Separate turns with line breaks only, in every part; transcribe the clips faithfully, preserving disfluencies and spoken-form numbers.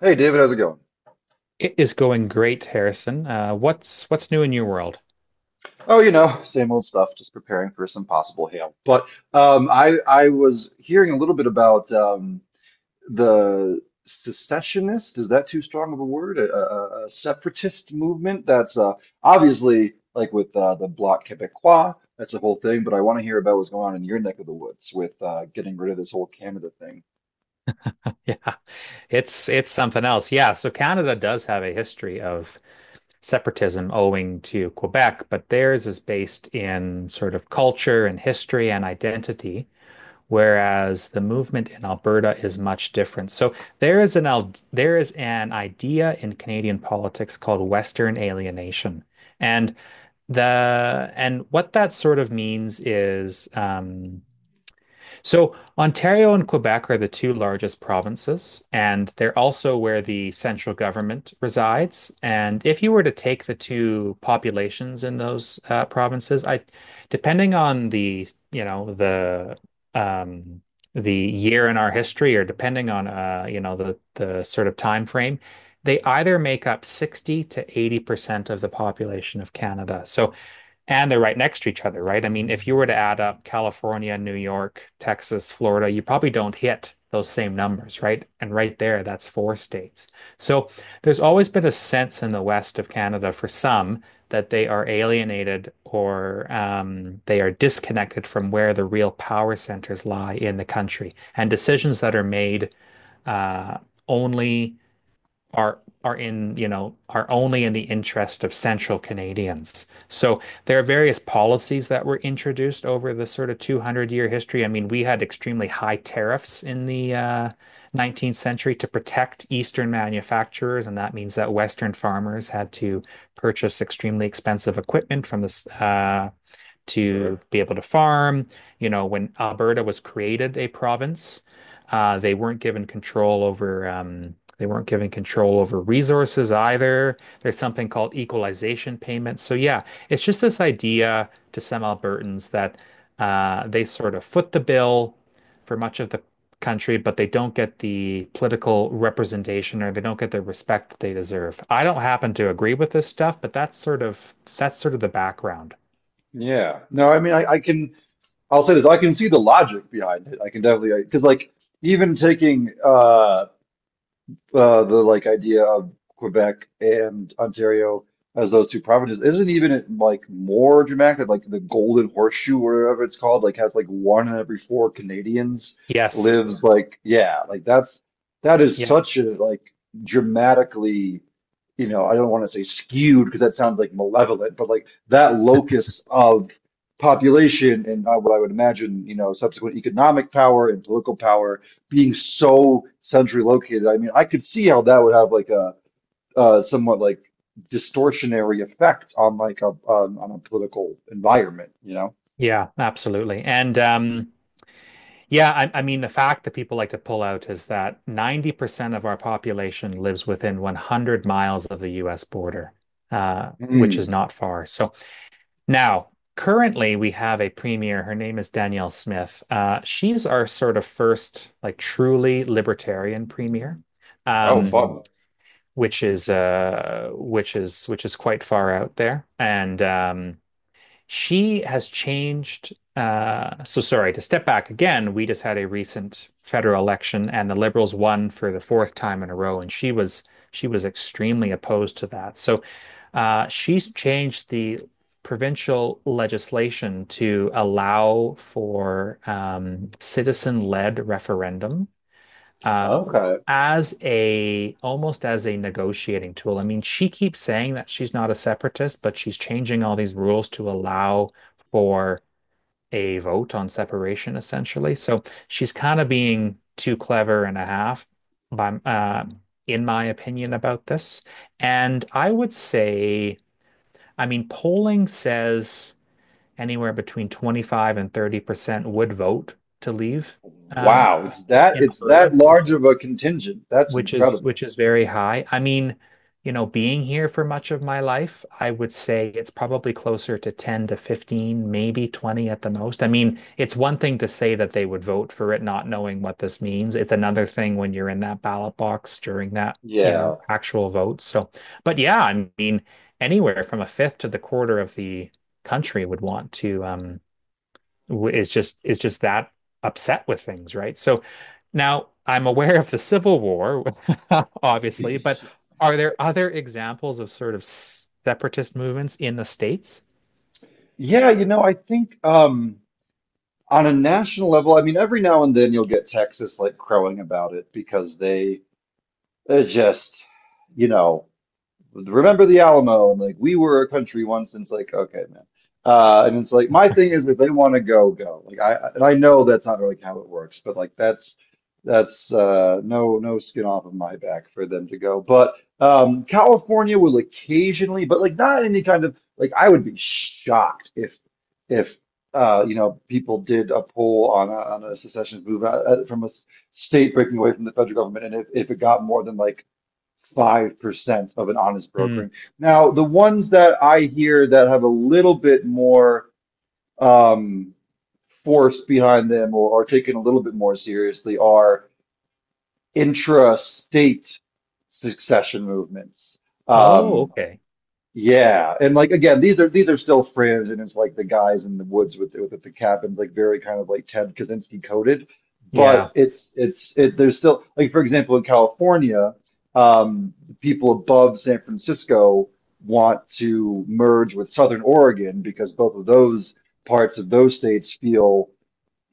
Hey David, how's it going?
It is going great, Harrison. Uh, what's what's new in your world?
Oh, you know, same old stuff, just preparing for some possible hail. But um, I I was hearing a little bit about um, the secessionist. Is that too strong of a word? A, a, a separatist movement that's uh, obviously like with uh, the Bloc Québécois. That's the whole thing. But I want to hear about what's going on in your neck of the woods with uh, getting rid of this whole Canada thing.
Yeah, it's it's something else. Yeah, so Canada does have a history of separatism owing to Quebec, but theirs is based in sort of culture and history and identity, whereas the movement in Alberta is much different. So there is an there is an idea in Canadian politics called Western alienation, and the and what that sort of means is. Um, So Ontario and Quebec are the two largest provinces, and they're also where the central government resides. And if you were to take the two populations in those uh, provinces, I, depending on the, you know, the um, the year in our history, or depending on uh, you know, the the sort of time frame, they either make up sixty to eighty percent of the population of Canada. So and they're right next to each other, right? I mean, if you were to add up California, New York, Texas, Florida, you probably don't hit those same numbers, right? And right there, that's four states. So there's always been a sense in the west of Canada for some that they are alienated or um, they are disconnected from where the real power centers lie in the country. And decisions that are made uh, only are are in, you know, are only in the interest of Central Canadians. So there are various policies that were introduced over the sort of two hundred year history. I mean, we had extremely high tariffs in the uh, nineteenth century to protect Eastern manufacturers, and that means that Western farmers had to purchase extremely expensive equipment from the uh,
Sure.
to be able to farm. You know, when Alberta was created a province, uh, they weren't given control over um, they weren't given control over resources either. There's something called equalization payments. So yeah, it's just this idea to some Albertans that uh, they sort of foot the bill for much of the country, but they don't get the political representation or they don't get the respect that they deserve. I don't happen to agree with this stuff, but that's sort of that's sort of the background.
Yeah. No, I mean, I, I can. I'll say this. I can see the logic behind it. I can definitely, because like even taking uh uh, the, like, idea of Quebec and Ontario as those two provinces, isn't even it, like, more dramatic that like the Golden Horseshoe or whatever it's called, like, has like one in every four Canadians
Yes.
lives? Like, yeah, like that's, that is
Yeah,
such a like dramatically, you know, I don't want to say skewed because that sounds like malevolent, but like that locus of population and, uh, what I would imagine, you know, subsequent economic power and political power being so centrally located. I mean, I could see how that would have like a uh, somewhat like distortionary effect on like a on, on a political environment, you know?
yeah, absolutely. And um, yeah, I, I mean, the fact that people like to pull out is that ninety percent of our population lives within one hundred miles of the U S border, uh, which is
Hmm.
not far. So now, currently, we have a premier. Her name is Danielle Smith. Uh, she's our sort of first, like, truly libertarian premier. Um,
Oh,
Mm.
fun.
Which is uh which is which is quite far out there and um She has changed. Uh, so sorry to step back again. We just had a recent federal election, and the Liberals won for the fourth time in a row, and she was she was extremely opposed to that. So uh, she's changed the provincial legislation to allow for um, citizen-led referendum uh,
Okay.
as a almost as a negotiating tool. I mean, she keeps saying that she's not a separatist, but she's changing all these rules to allow for a vote on separation, essentially. So she's kind of being too clever and a half, by, uh, in my opinion, about this. And I would say, I mean, polling says anywhere between twenty-five and thirty percent would vote to leave uh,
Wow. It's that,
in
it's
Alberta,
that
which
large of a contingent. That's
which is
incredible.
which is very high. I mean, you know, being here for much of my life, I would say it's probably closer to ten to fifteen, maybe twenty at the most. I mean, it's one thing to say that they would vote for it not knowing what this means. It's another thing when you're in that ballot box during that, you know,
Yeah.
actual vote. So, but yeah, I mean, anywhere from a fifth to the quarter of the country would want to um w- is just is just that upset with things, right? So now I'm aware of the Civil War, obviously, but are there other examples of sort of separatist movements in the States?
Yeah, you know, I think um on a national level, I mean, every now and then you'll get Texas like crowing about it because they they're just, you know. Remember the Alamo and like we were a country once, and it's like, okay man, uh and it's like my thing is if they want to go, go. Like, I, and I know that's not really how it works, but like that's that's uh no, no skin off of my back for them to go. But um California will occasionally, but like not any kind of like, I would be shocked if if uh you know, people did a poll on a, on a secessionist move out, uh, from a s- state breaking away from the federal government, and if, if it got more than like five percent of an honest
Hmm.
brokering. Now, the ones that I hear that have a little bit more um, force behind them, or are taken a little bit more seriously, are intra-state succession movements.
Oh,
Um,
okay.
yeah, and like again, these are, these are still fringe, and it's like the guys in the woods with with the cabins, like very kind of like Ted Kaczynski coded.
Yeah.
But it's it's it. There's still, like, for example in California, um, the people above San Francisco want to merge with Southern Oregon because both of those parts of those states feel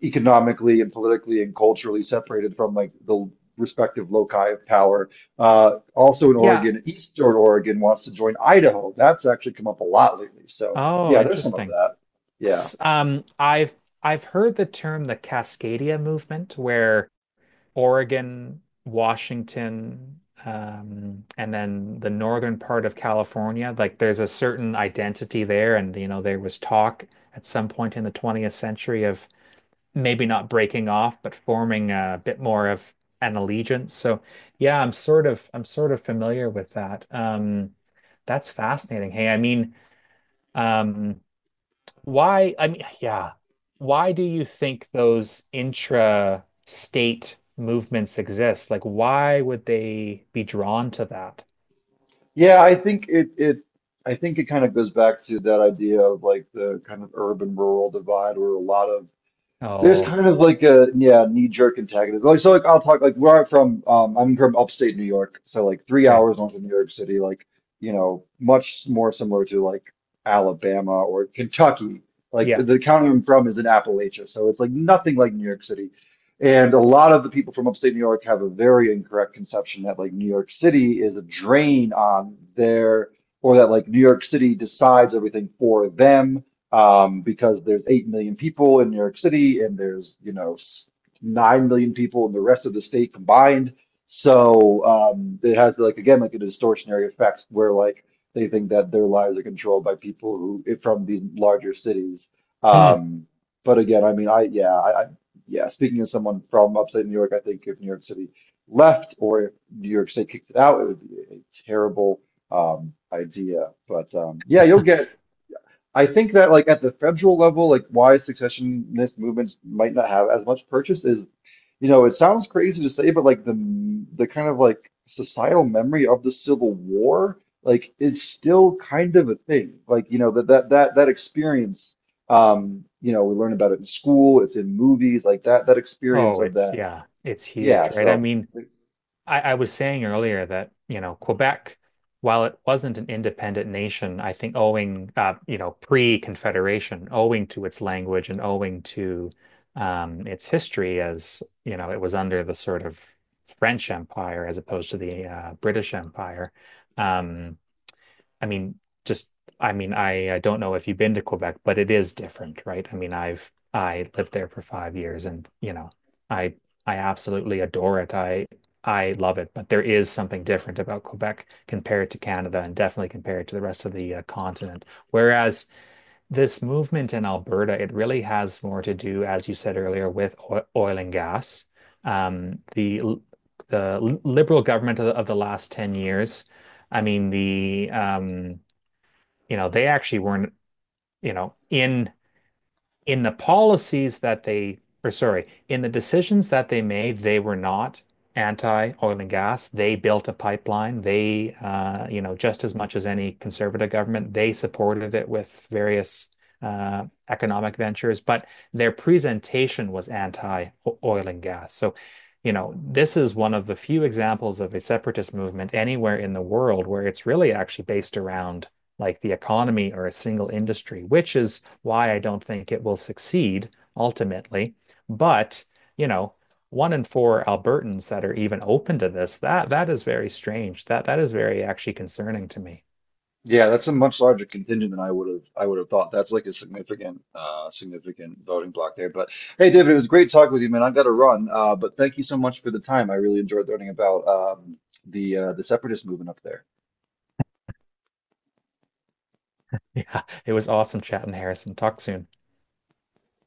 economically and politically and culturally separated from like the respective loci of power. Uh, also in
Yeah.
Oregon, Eastern Oregon wants to join Idaho. That's actually come up a lot lately. So
Oh,
yeah, there's some of
interesting.
that. Yeah.
S- Um, I've I've heard the term the Cascadia movement, where Oregon, Washington, um, and then the northern part of California. Like there's a certain identity there, and you know there was talk at some point in the twentieth century of maybe not breaking off, but forming a bit more of an allegiance. So yeah, I'm sort of I'm sort of familiar with that. Um, that's fascinating. Hey, I mean, um, why, I mean, yeah. Why do you think those intra-state movements exist? Like, why would they be drawn to that?
Yeah, I think it it I think it kind of goes back to that idea of like the kind of urban rural divide where a lot of, there's
Oh,
kind of like a yeah knee-jerk antagonism. Like, so, like I'll talk like where I'm from. Um, I'm from upstate New York, so like three
okay.
hours north of New York City. Like, you know, much more similar to like Alabama or Kentucky. Like
Yeah.
the county I'm from is in Appalachia, so it's like nothing like New York City. And a lot of the people from upstate New York have a very incorrect conception that like New York City is a drain on their, or that like New York City decides everything for them, um, because there's eight million people in New York City, and there's, you know, s- nine million people in the rest of the state combined. So um, it has, like, again, like a distortionary effect where like they think that their lives are controlled by people who from these larger cities.
Hmm.
Um, but again, I mean, I, yeah, I, I, yeah, speaking as someone from upstate New York, I think if New York City left, or if New York State kicked it out, it would be a terrible um, idea. But um, yeah, you'll get, I think that like at the federal level, like why secessionist movements might not have as much purchase is, you know, it sounds crazy to say, but like the the kind of like societal memory of the Civil War, like, is still kind of a thing. Like, you know, that that that that experience, um, you know, we learn about it in school, it's in movies, like that that experience
Oh,
of
it's,
that.
yeah, it's
Yeah,
huge, right? I
so
mean,
like,
I, I was saying earlier that, you know, Quebec, while it wasn't an independent nation, I think owing, uh, you know, pre-Confederation, owing to its language and owing to um, its history, as, you know, it was under the sort of French Empire as opposed to the uh, British Empire. Um, I mean, just I mean, I, I don't know if you've been to Quebec, but it is different, right? I mean, I've I lived there for five years and you know, I I absolutely adore it. I I love it, but there is something different about Quebec compared to Canada and definitely compared to the rest of the uh, continent. Whereas this movement in Alberta, it really has more to do, as you said earlier, with oil, oil and gas. Um, the the liberal government of the, of the last ten years, I mean, the um, you know they actually weren't you know in in the policies that they or sorry in the decisions that they made they were not anti oil and gas. They built a pipeline. They uh, you know just as much as any conservative government they supported it with various uh, economic ventures, but their presentation was anti oil and gas. So you know this is one of the few examples of a separatist movement anywhere in the world where it's really actually based around like the economy or a single industry, which is why I don't think it will succeed ultimately. But, you know, one in four Albertans that are even open to this, that that is very strange. That that is very actually concerning to me.
yeah, that's a much larger contingent than I would have I would have thought. That's like a significant uh significant voting block there. But hey, David, it was great talking with you, man. I got to run. Uh, but thank you so much for the time. I really enjoyed learning about um the uh the separatist movement up there.
Yeah, it was awesome chatting, Harrison. Talk soon.